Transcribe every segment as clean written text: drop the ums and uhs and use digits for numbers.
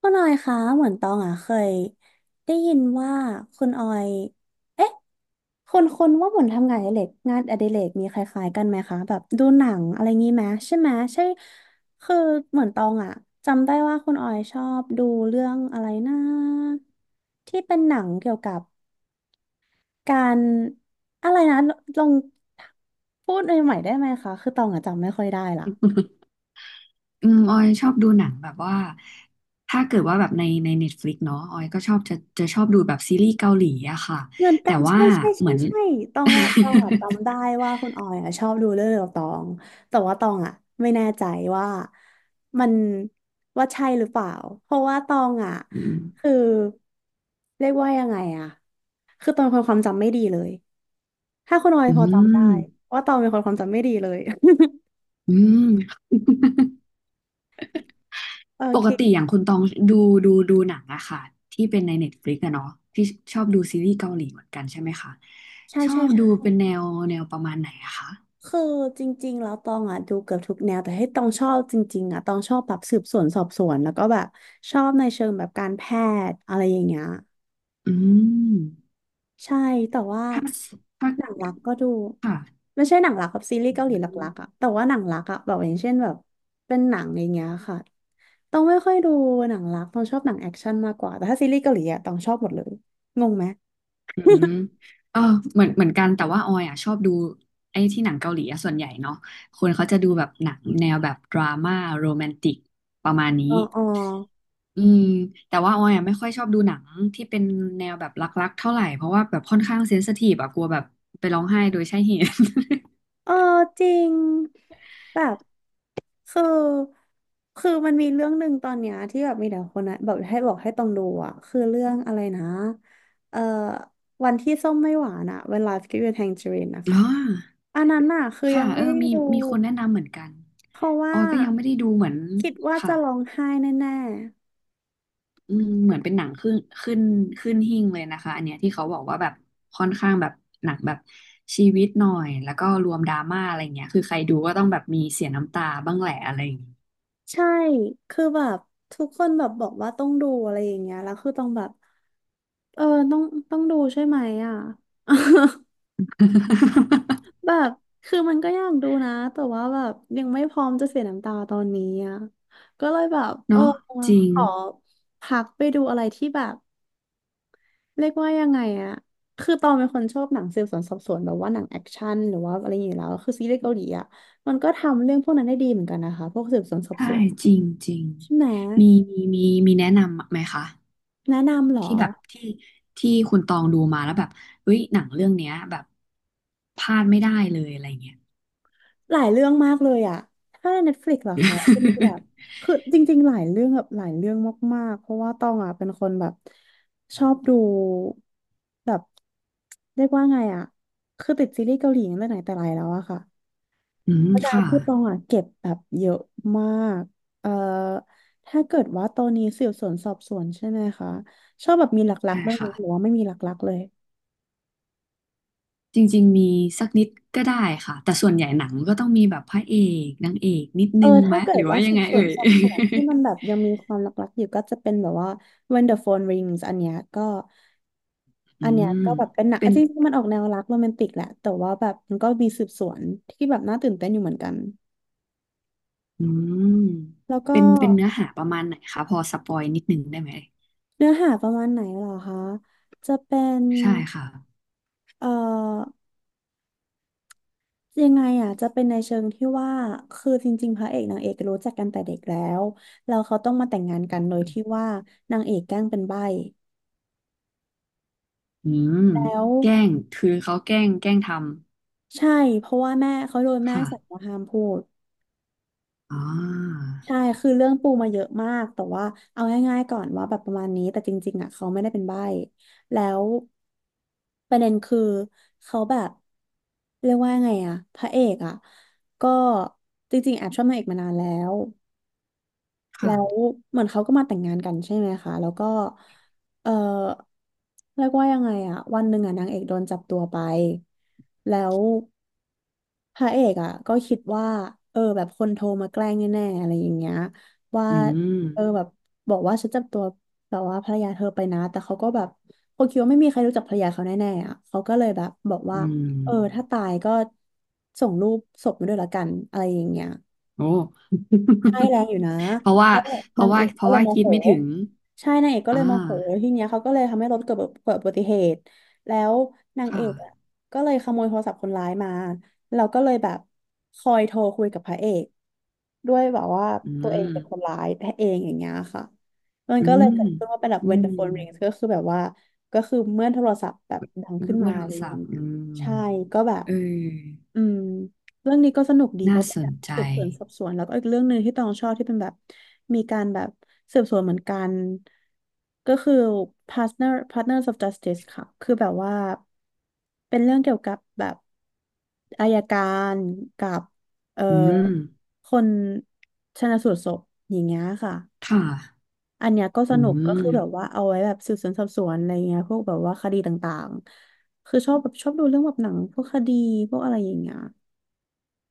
คุณออยคะเหมือนตองอ่ะเคยได้ยินว่าคุณออยคนว่าเหมือนทำงานอดิเรกมีคล้ายๆกันไหมคะแบบดูหนังอะไรงี้ไหมใช่ไหมใช่คือเหมือนตองอ่ะจำได้ว่าคุณออยชอบดูเรื่องอะไรนะที่เป็นหนังเกี่ยวกับการอะไรนะลองพูดใหม่ๆได้ไหมคะคือตองอ่ะจำไม่ค่อยได้ละ อืมออยชอบดูหนังแบบว่าถ้าเกิดว่าแบบใน Netflix เนาะออยก็ชอบจะชอบดูแบบซีรีส์เกาหลีอะค่ะเหมือนกัแต่นว่าใช่ใช่เหใช่มือน ใช่ตองว่าตองอะจำได้ว่าคุณออยอะชอบดูเรื่องเดียวกับตองแต่ว่าตองอะไม่แน่ใจว่ามันว่าใช่หรือเปล่าเพราะว่าตองอะ อืมคือเรียกว่ายังไงอะคือตองเป็นคนความจำไม่ดีเลยถ้าคุณออยอืพอจำได้มว่าตองเป็นคนความจำไม่ดีเลย อืม โอปกติอย่างเคคุณตองดูดูหนังอะค่ะที่เป็นใน Netflix อะเนาะที่ชอบดูซีรีส์เกาหลีเหมือนกันใช่ไหมคะใช่ชอใช่บดูใช่ เป็นแนวแนวประมาณไหนอะคะคือจริงๆแล้วตองอ่ะดูเกือบทุกแนวแต่ให้ตองชอบจริงๆอ่ะตองชอบแบบสืบสวนสอบสวนแล้วก็แบบชอบในเชิงแบบการแพทย์อะไรอย่างเงี้ยอืมใช่แต่ว่าถ้าถ้าหนังรักก็ดูค่ะไม่ใช่หนังรักกับซีรีส์อืเกาหลีหลักๆอ่ะม แต่ว่าหนังรักอ่ะแบบอย่างเช่นแบบเป็นหนังอย่างเงี้ยค่ะตองไม่ค่อยดูหนังรักตองชอบหนังแอคชั่นมากกว่าแต่ถ้าซีรีส์เกาหลีอ่ะตองชอบหมดเลยงงไหมอืมเออเหมือนเหมือนกันแต่ว่าออยอ่ะชอบดูไอ้ที่หนังเกาหลีอะส่วนใหญ่เนาะคนเขาจะดูแบบหนังแนวแบบดราม่าโรแมนติกประมาณนี้อ๋ออ๋อ อืมแต่ว่าออยอ่ะไม่ค่อยชอบดูหนังที่เป็นแนวแบบรักๆเท่าไหร่เพราะว่าแบบค่อนข้างเซนซิทีฟอะกลัวแบบไปร้องไห้โดยใช่เหตุ เออจริงแบบคือคือมันมีเรื่องหนึ่งตอนเนี้ยที่แบบมีแต่คนนะแบบให้บอกให้ต้องดูอ่ะคือเรื่องอะไรนะเอ่อวันที่ส้มไม่หวานอ่ะ When Life Gives You Tangerine นะ อ๋คะออันนั้นอ่ะคือยัค่ะงไม่เออได้มีดูมีคนแนะนำเหมือนกันเพราะอว่าอยก็ยังไม่ได้ดูเหมือนคิดว่าจะค่ะ ร้องไห้แน่อืมเหมือนเป็นหนังขึ้นขึ้นหิ้งเลยนะคะอันเนี้ยที่เขาบอกว่าแบบค่อนข้างแบบหนักแบบชีวิตหน่อยแล้วก็รวมดราม่าอะไรเงี้ยคือใครดูก็ต้องแบบมีเสียน้ำตาบ้างแหละอะไรอย่างเงี้ย ๆใช่คือแบบทุกคนแบบบอกว่าต้องดูอะไรอย่างเงี้ยแล้วคือต้องแบบเออต้องต้องดูใช่ไหมอ่ะ แบบคือมันก็อยากดูนะแต่ว่าแบบยังไม่พร้อมจะเสียน้ำตาตอนนี้อ่ะก็เลยแบบเออเนาะจริงขอพักไปดูอะไรที่แบบเรียกว่ายังไงอ่ะคือตองเป็นคนชอบหนังสืบสวนสอบสวนแบบว่าหนังแอคชั่นหรือว่าอะไรอย่างเงี้ยแล้วคือซีรีส์เกาหลีอ่ะมันก็ทำเรื่องพวกนั้นได้ดีเหมือนกันนะคะพวกสืบสวนสอบใช่สวนจริงจริงใช่ไหมมีมีมีมีแนะนำไหมคะแนะนำเหรอ ที่แบบที่คุณตองดูมาแล้วแบบเฮ้ยหนังเรื่องเนี้ยแบบพลาดไม่ได้เลยอะไรเงี้ย หลายเรื่องมากเลยอ่ะถ้าใน Netflix เหรอคะเป็นแบบคือจริงๆหลายเรื่องแบบหลายเรื่องมากๆเพราะว่าต้องอะเป็นคนแบบชอบดูแบบเรียกว่าไงอ่ะคือติดซีรีส์เกาหลีตั้งแต่ไหนแต่ไรแล้วอะค่ะ อืเพมราะฉะนั้นค่ะคือตองอะเก็บแบบเยอะมากเอ่อถ้าเกิดว่าตอนนี้สืบสวนสอบสวนใช่ไหมคะชอบแบบมีหลักใช่ๆด้วยไหมค่ะ หรือว่าไม่มีหลักๆเลย จริงๆ มีสักนิดก็ได้ค่ะ แต่ส่วนใหญ่หนังก็ต้องมีแบบพระเอกนางเอกนิดเออนึงไหมถ้าเกิหดรือว่าว่ายัสืงบไงสวนเอ่ย สอบ สวนที่มันแบบยังมีความลักๆอยู่ก็จะเป็นแบบว่า When the Phone Rings อันเนี้ยก็อือันเนี้ยมก็แบบเป็นหนังเป็อ่ะนจริงๆมันออกแนวรักโรแมนติกแหละแต่ว่าแบบมันก็มีสืบสวนที่แบบน่าตื่นเต้นอยู่เหมือนกันอืมแล้วก็เป็นเป็นเนื้อหาประมาณไหนคะพอสปอยนิดนึงได้ไหม เนื้อหาประมาณไหนเหรอคะจะเป็นใช่ค่ะเอ่อยังไงอ่ะจะเป็นในเชิงที่ว่าคือจริงๆพระเอกนางเอกรู้จักกันแต่เด็กแล้วแล้วเขาต้องมาแต่งงานกันโดยที่ว่านางเอกแกล้งเป็นใบ้อืมแล้ว แกล้ง คือเขาแกล้งทใช่เพราะว่าแม่เขาโดนำ แม่ค่ะสั่งว่าห้ามพูดอ่าใช่คือเรื่องปูมาเยอะมากแต่ว่าเอาง่ายๆก่อนว่าแบบประมาณนี้แต่จริงๆอ่ะเขาไม่ได้เป็นใบ้แล้วประเด็นคือเขาแบบเรียกว่าไงอ่ะพระเอกอ่ะก็จริงๆแอบชอบนางเอกมานานแล้ว แล้วค่ะเหมือนเขาก็มาแต่งงานกันใช่ไหมคะแล้วก็เออเรียกว่ายังไงอะวันหนึ่งอะนางเอกโดนจับตัวไปแล้วพระเอกอะก็คิดว่าเออแบบคนโทรมาแกล้งแน่ๆอะไรอย่างเงี้ยว่าอืมเออแบบบอกว่าฉันจับตัวแบบว่าภรรยาเธอไปนะแต่เขาก็แบบเขาคิดว่าไม่มีใครรู้จักภรรยาเขาแน่ๆอะเขาก็เลยแบบบอกอืว่าเออถ้าม ตายก็ส่งรูปศพมาด้วยละกันอะไรอย่างเงี้ย โอ้ ใช่แรงอยู่นะ เพราะว่าแล้วเพนาราะงเอว่ากเพก็ราะเลยว่าโมคิโหดไม่ถึงใช่นางเอกก็อ่าเลยโมโหทีเนี้ยเขาก็เลยทำให้รถเกิดอุบัติเหตุแล้วนางเอค่ะ กอ่ะก็เลยขโมยโทรศัพท์คนร้ายมาเราก็เลยแบบคอยโทรคุยกับพระเอกด้วยแบบว่าอืตัวเองม เป็นคนร้ายแท้เองอย่างเงี้ยค่ะมันอืก็เลยมเกิดขึ้นว่าเป็นแบบ อื when the ม phone rings ก็คือแบบว่าก็คือเมื่อโทรศัพท์แบบดังขึ้นเบมาอร์โทอะรไรอศัย่างพท์อืเงี้ยมใช่ก็แบบ เอออืมเรื่องนี้ก็สนุกดีเพน่าราะเป็สนแบนบใจสืบสวนสอบสวนแล้วก็อีกเรื่องหนึ่งที่ตองชอบที่เป็นแบบมีการแบบสืบสวนเหมือนกันก็คือ Partners of Justice ค่ะคือแบบว่าเป็นเรื่องเกี่ยวกับแบบอัยการกับเอ่ออืมคนชันสูตรศพอย่างเงี้ยค่ะค่ะอันเนี้ยก็สอืนุกก็คือแบบม ว่าเอาไว้แบบสืบสวนสอบสวนอะไรเงี้ยพวกแบบว่าคดีต่างๆคือชอบแบบชอบดูเรื่องแบบหนังพวกคดีพวกอะไรอย่างเงี้ย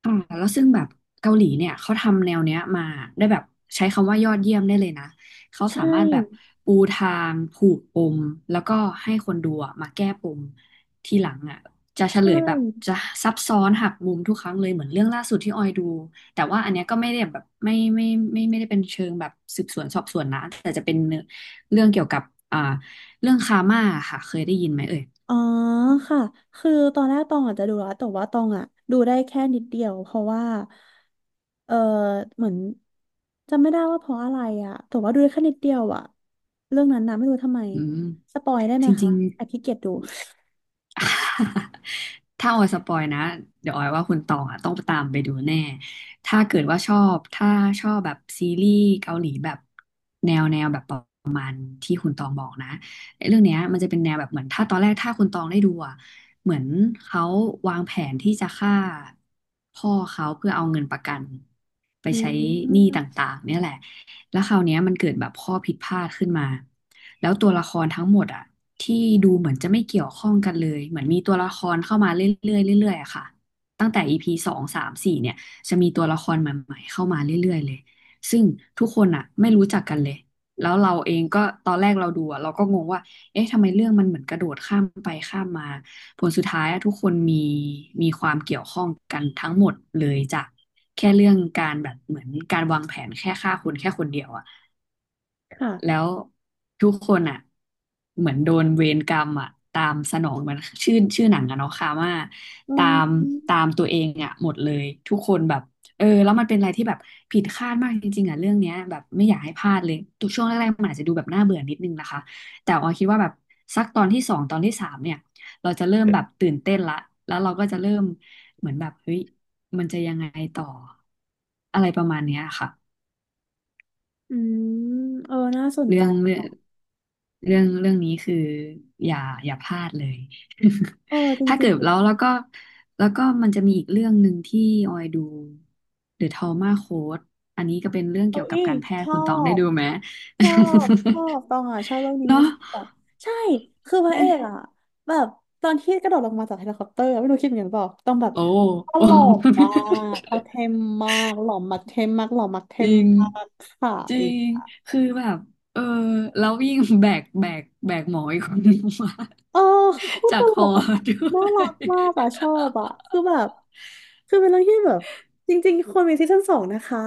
อ่าแล้วซึ่งแบบเกาหลีเนี่ยเขาทำแนวเนี้ยมาได้แบบใช้คำว่ายอดเยี่ยมได้เลยนะเขาใช่สามารถแบบปูทางผูกปมแล้วก็ให้คนดูอะมาแก้ปมทีหลังอ่ะจะเฉลใช่ยแบบจะซับซ้อนหักมุมทุกครั้งเลยเหมือนเรื่องล่าสุดที่ออยดูแต่ว่าอันเนี้ยก็ไม่ได้แบบไม่ได้เป็นเชิงแบบสืบสวนสอบสวนนะแต่จะเป็นเนื้อเรื่องเกี่ยวกับอ่าเรื่องคาร์มาค่ะเคยได้ยินไหมเอ่ยอ๋อค่ะคือตอนแรกตองอาจจะดูแล้วแต่ว่าตองอ่ะดูได้แค่นิดเดียวเพราะว่าเออเหมือนจำไม่ได้ว่าเพราะอะไรอ่ะแต่ว่าดูได้แค่นิดเดียวอ่ะเรื่องนั้นนะไม่รู้ทำไมอืมสปอยได้ไหมจริคะงแอบขี้ๆ เกียจดู ถ้าออยสปอยนะเดี๋ยวออยว่าคุณตองอ่ะต้องตามไปดูแน่ถ้าเกิดว่าชอบถ้าชอบแบบซีรีส์เกาหลีแบบแนวแนวแบบประมาณที่คุณตองบอกนะไอ้เรื่องเนี้ยมันจะเป็นแนวแบบเหมือนถ้าตอนแรกถ้าคุณตองได้ดูอ่ะเหมือนเขาวางแผนที่จะฆ่าพ่อเขาเพื่อเอาเงินประกันไปอืใช้หนี้มต่างๆเนี่ยแหละ แล้วคราวเนี้ยมันเกิดแบบข้อผิดพลาดขึ้นมา แล้วตัวละครทั้งหมดอ่ะที่ดูเหมือนจะไม่เกี่ยวข้องกันเลย เหมือนมีตัวละครเข้ามาเรื่อยๆเรื่อยๆอะค่ะตั้งแต่ EP สองสามสี่เนี่ยจะมีตัวละครใหม่ๆเข้ามาเรื่อยๆเลย ซึ่งทุกคนอ่ะไม่รู้จักกันเลย แล้วเราเองก็ตอนแรกเราดูอ่ะเราก็งงว่าเอ๊ะทำไมเรื่องมันเหมือนกระโดดข้ามไปข้ามมา ผลสุดท้ายอะทุกคนมีมีความเกี่ยวข้องกันทั้งหมดเลยจากแค่เรื่องการแบบเหมือนการวางแผนแค่ฆ่าคนแค่คนเดียวอะ ค่ะแล้วทุกคนอ่ะเหมือนโดนเวรกรรมอ่ะตามสนองมันชื่อชื่อหนังอะเนาะคาม่าอืตามตามมตัวเองอ่ะหมดเลยทุกคนแบบเออแล้วมันเป็นอะไรที่แบบผิดคาดมากจริงๆอ่ะเรื่องเนี้ยแบบไม่อยากให้พลาดเลยตัวช่วงแรกๆมันอาจจะดูแบบน่าเบื่อนิดนึงนะคะแต่ออยคิดว่าแบบสักตอนที่สองตอนที่สามเนี่ยเราจะเริ่มแบบตื่นเต้นละแล้วเราก็จะเริ่มเหมือนแบบเฮ้ยมันจะยังไงต่ออะไรประมาณเนี้ยค่ะ อืมเออน่าสนเรื่ใจองเรื่องค่ะเรื่องนี้คืออย่าอย่าพลาดเลย เออจถ้าริเกิงดๆเหรแล้อ วแล้วก็แล้วก็มันจะมีอีกเรื่องหนึ่งที่ออยดู The Trauma Code อันนี้ก็เป็นเรื่องเอ้เกี่ยวกับยการแพชทย์อคุณตองได้บดูไหม ชอบชอบตองอ่ะชอบเรื่อง นี้เนาะคือแบบใช่คือพระเรื่อเองกอ่ะแบบตอนที่กระโดดลงมาจากเฮลิคอปเตอร์ไม่รู้คิดเหมือนกันเปล่าต้องแบบโอ้ตโอ้ ลกมากเขาเทมมากหล่อมากเทมมากหล่อมากเท จมริงมากค่ะจริอีกงคือแบบเออแล้วยิ่งแบกหมออีกคน นึงมาเออคือโคตรตจากคลอกอ่ะด้วน่ารักมากย อ่ะชอบอ่ะคือแบบคือเป็นเรื่องที่แบบจริงๆควรมีซีซั่นสองนะคะ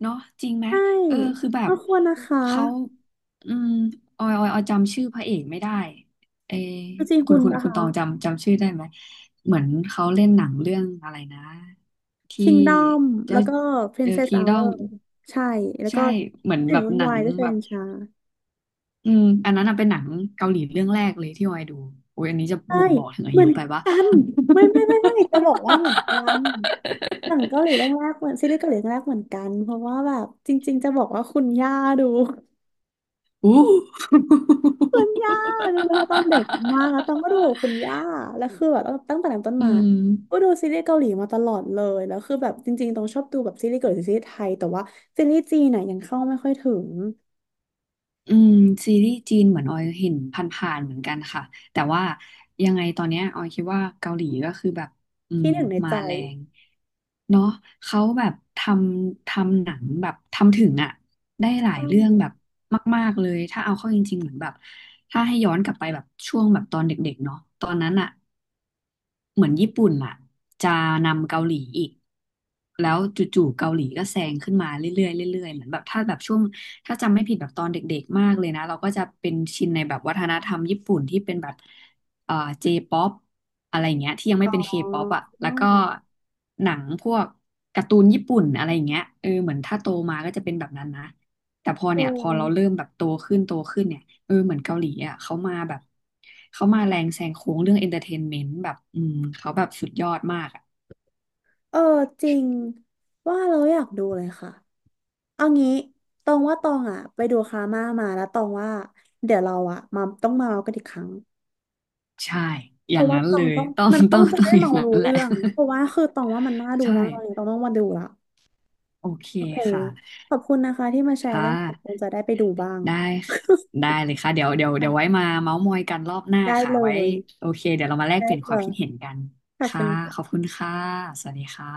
เนาะจริงไหมใช่เออคือแบมับนควรนะคะเขาอืมออยจำชื่อพระเอกไม่ได้เออจริงๆคุคุณณคุณนะคุณคะ ตองจำชื่อได้ไหมเหมือนเขาเล่นหนังเรื่องอะไรนะที่ Kingdom แล้เจ้าวก็ เออ Princess คิงดอ Hour มใช่แล้วก็ใช่เหมือนถึแบงบวุ่นหนัวางยก็เซแบบนชาอืมอันนั้นน่ะเป็นหนังเกาหลีเรื่องแรกเลยที่ออยดูโอ้ยอันนี้จะใช่บ่งบอกถึงอาเหมืยุอนไปปะ กัน ไม่ไม่ไม่ไม่จะบอกว่าเหมือนกันหนังเกาหลีเรื่องแรกเหมือนซีรีส์เกาหลีเรื่องแรกเหมือนกันเพราะว่าแบบจริงๆจะบอกว่าคุณย่าดูอู้ คุณย่าดูแล้วต้องเด็กมากแล้วต้องก็ดูกับคุณย่าแล้วคือแบบตั้งแต่นั้นต้นอืมาม ก็ดูซีรีส์เกาหลีมาตลอดเลยแล้วคือแบบจริงๆตรงชอบดูแบบซีรีส์เกาหลีหรือซีรีส์ไทยแต่ว่าซีรีส์จีนน่ะยังเข้าไม่ค่อยถึงอืมซีรีส์จีนเหมือนออยเห็นผ่านๆเหมือนกันค่ะแต่ว่ายังไงตอนเนี้ยออยคิดว่าเกาหลีก็คือแบบอืมที่หนึ่งในมาใจ แรงเนาะเขาแบบทำหนังแบบทำถึงอะได้หลาใชยเรื่องแบบ่มากๆเลยถ้าเอาเข้าจริงๆเหมือนแบบถ้าให้ย้อนกลับไปแบบช่วงแบบตอนเด็กๆเนาะตอนนั้นอะ เหมือนญี่ปุ่นอ่ะจะนำเกาหลีอีกแล้วจู่ๆเกาหลีก็แซงขึ้นมาเรื่อยๆเรื่อยๆเหมือนแบบถ้าแบบช่วงถ้าจำไม่ผิดแบบตอนเด็กๆมากเลยนะเราก็จะเป็นชินในแบบวัฒนธรรมญี่ปุ่นที่เป็นแบบเอ่อเจป๊อปอะไรอย่างเงี้ยที่ยังไม่อ๋เป็นเคอป๊อปอ่ะแล้วก็หนังพวกการ์ตูนญี่ปุ่นอะไรอย่างเงี้ยเออเหมือนถ้าโตมาก็จะเป็นแบบนั้นนะแต่พอเนี่โอ้ยพอเราเริ่มแบบโตขึ้นเนี่ย เออเหมือนเกาหลีอ่ะเขามาแบบเขามาแรงแซงโค้งเรื่องเอนเตอร์เทนเมนต์แบบอืมเขาแบบสุดยอดมากอ่ะเออจริงว่าเราอยากดูเลยค่ะเอางี้ตองว่าตองอ่ะไปดูคาม่ามาแล้วตองว่าเดี๋ยวเราอ่ะมาต้องมาเมากันอีกครั้งใช่เพอย่าราะงว่านั้นตอเลงยต้องต้อง มัน ต้ต้อองงจะต้อได้งอย่าเมางนั้รู้นแหละ เรื่องเพราะว่าคือตองว่ามันน่า ดูใช่มากเลยตองต้องมาดูละโอเคโอเคค่ะขอบคุณนะคะที่มาแชร์ค่ะเรื่องของคงจะได้ไปดูบ้าง ได้ค่ะได้เลยค่ะเดี๋ยวไว้มาเม้าท์มอยกันรอบหน้า ได้ค่ะเลไว้ยโอเคเดี๋ยวเรามาแลกได้เปลี่ยนคเลวามยคิดเห็นกันขอบคุค่ะณขอบคุณค่ะสวัสดีค่ะ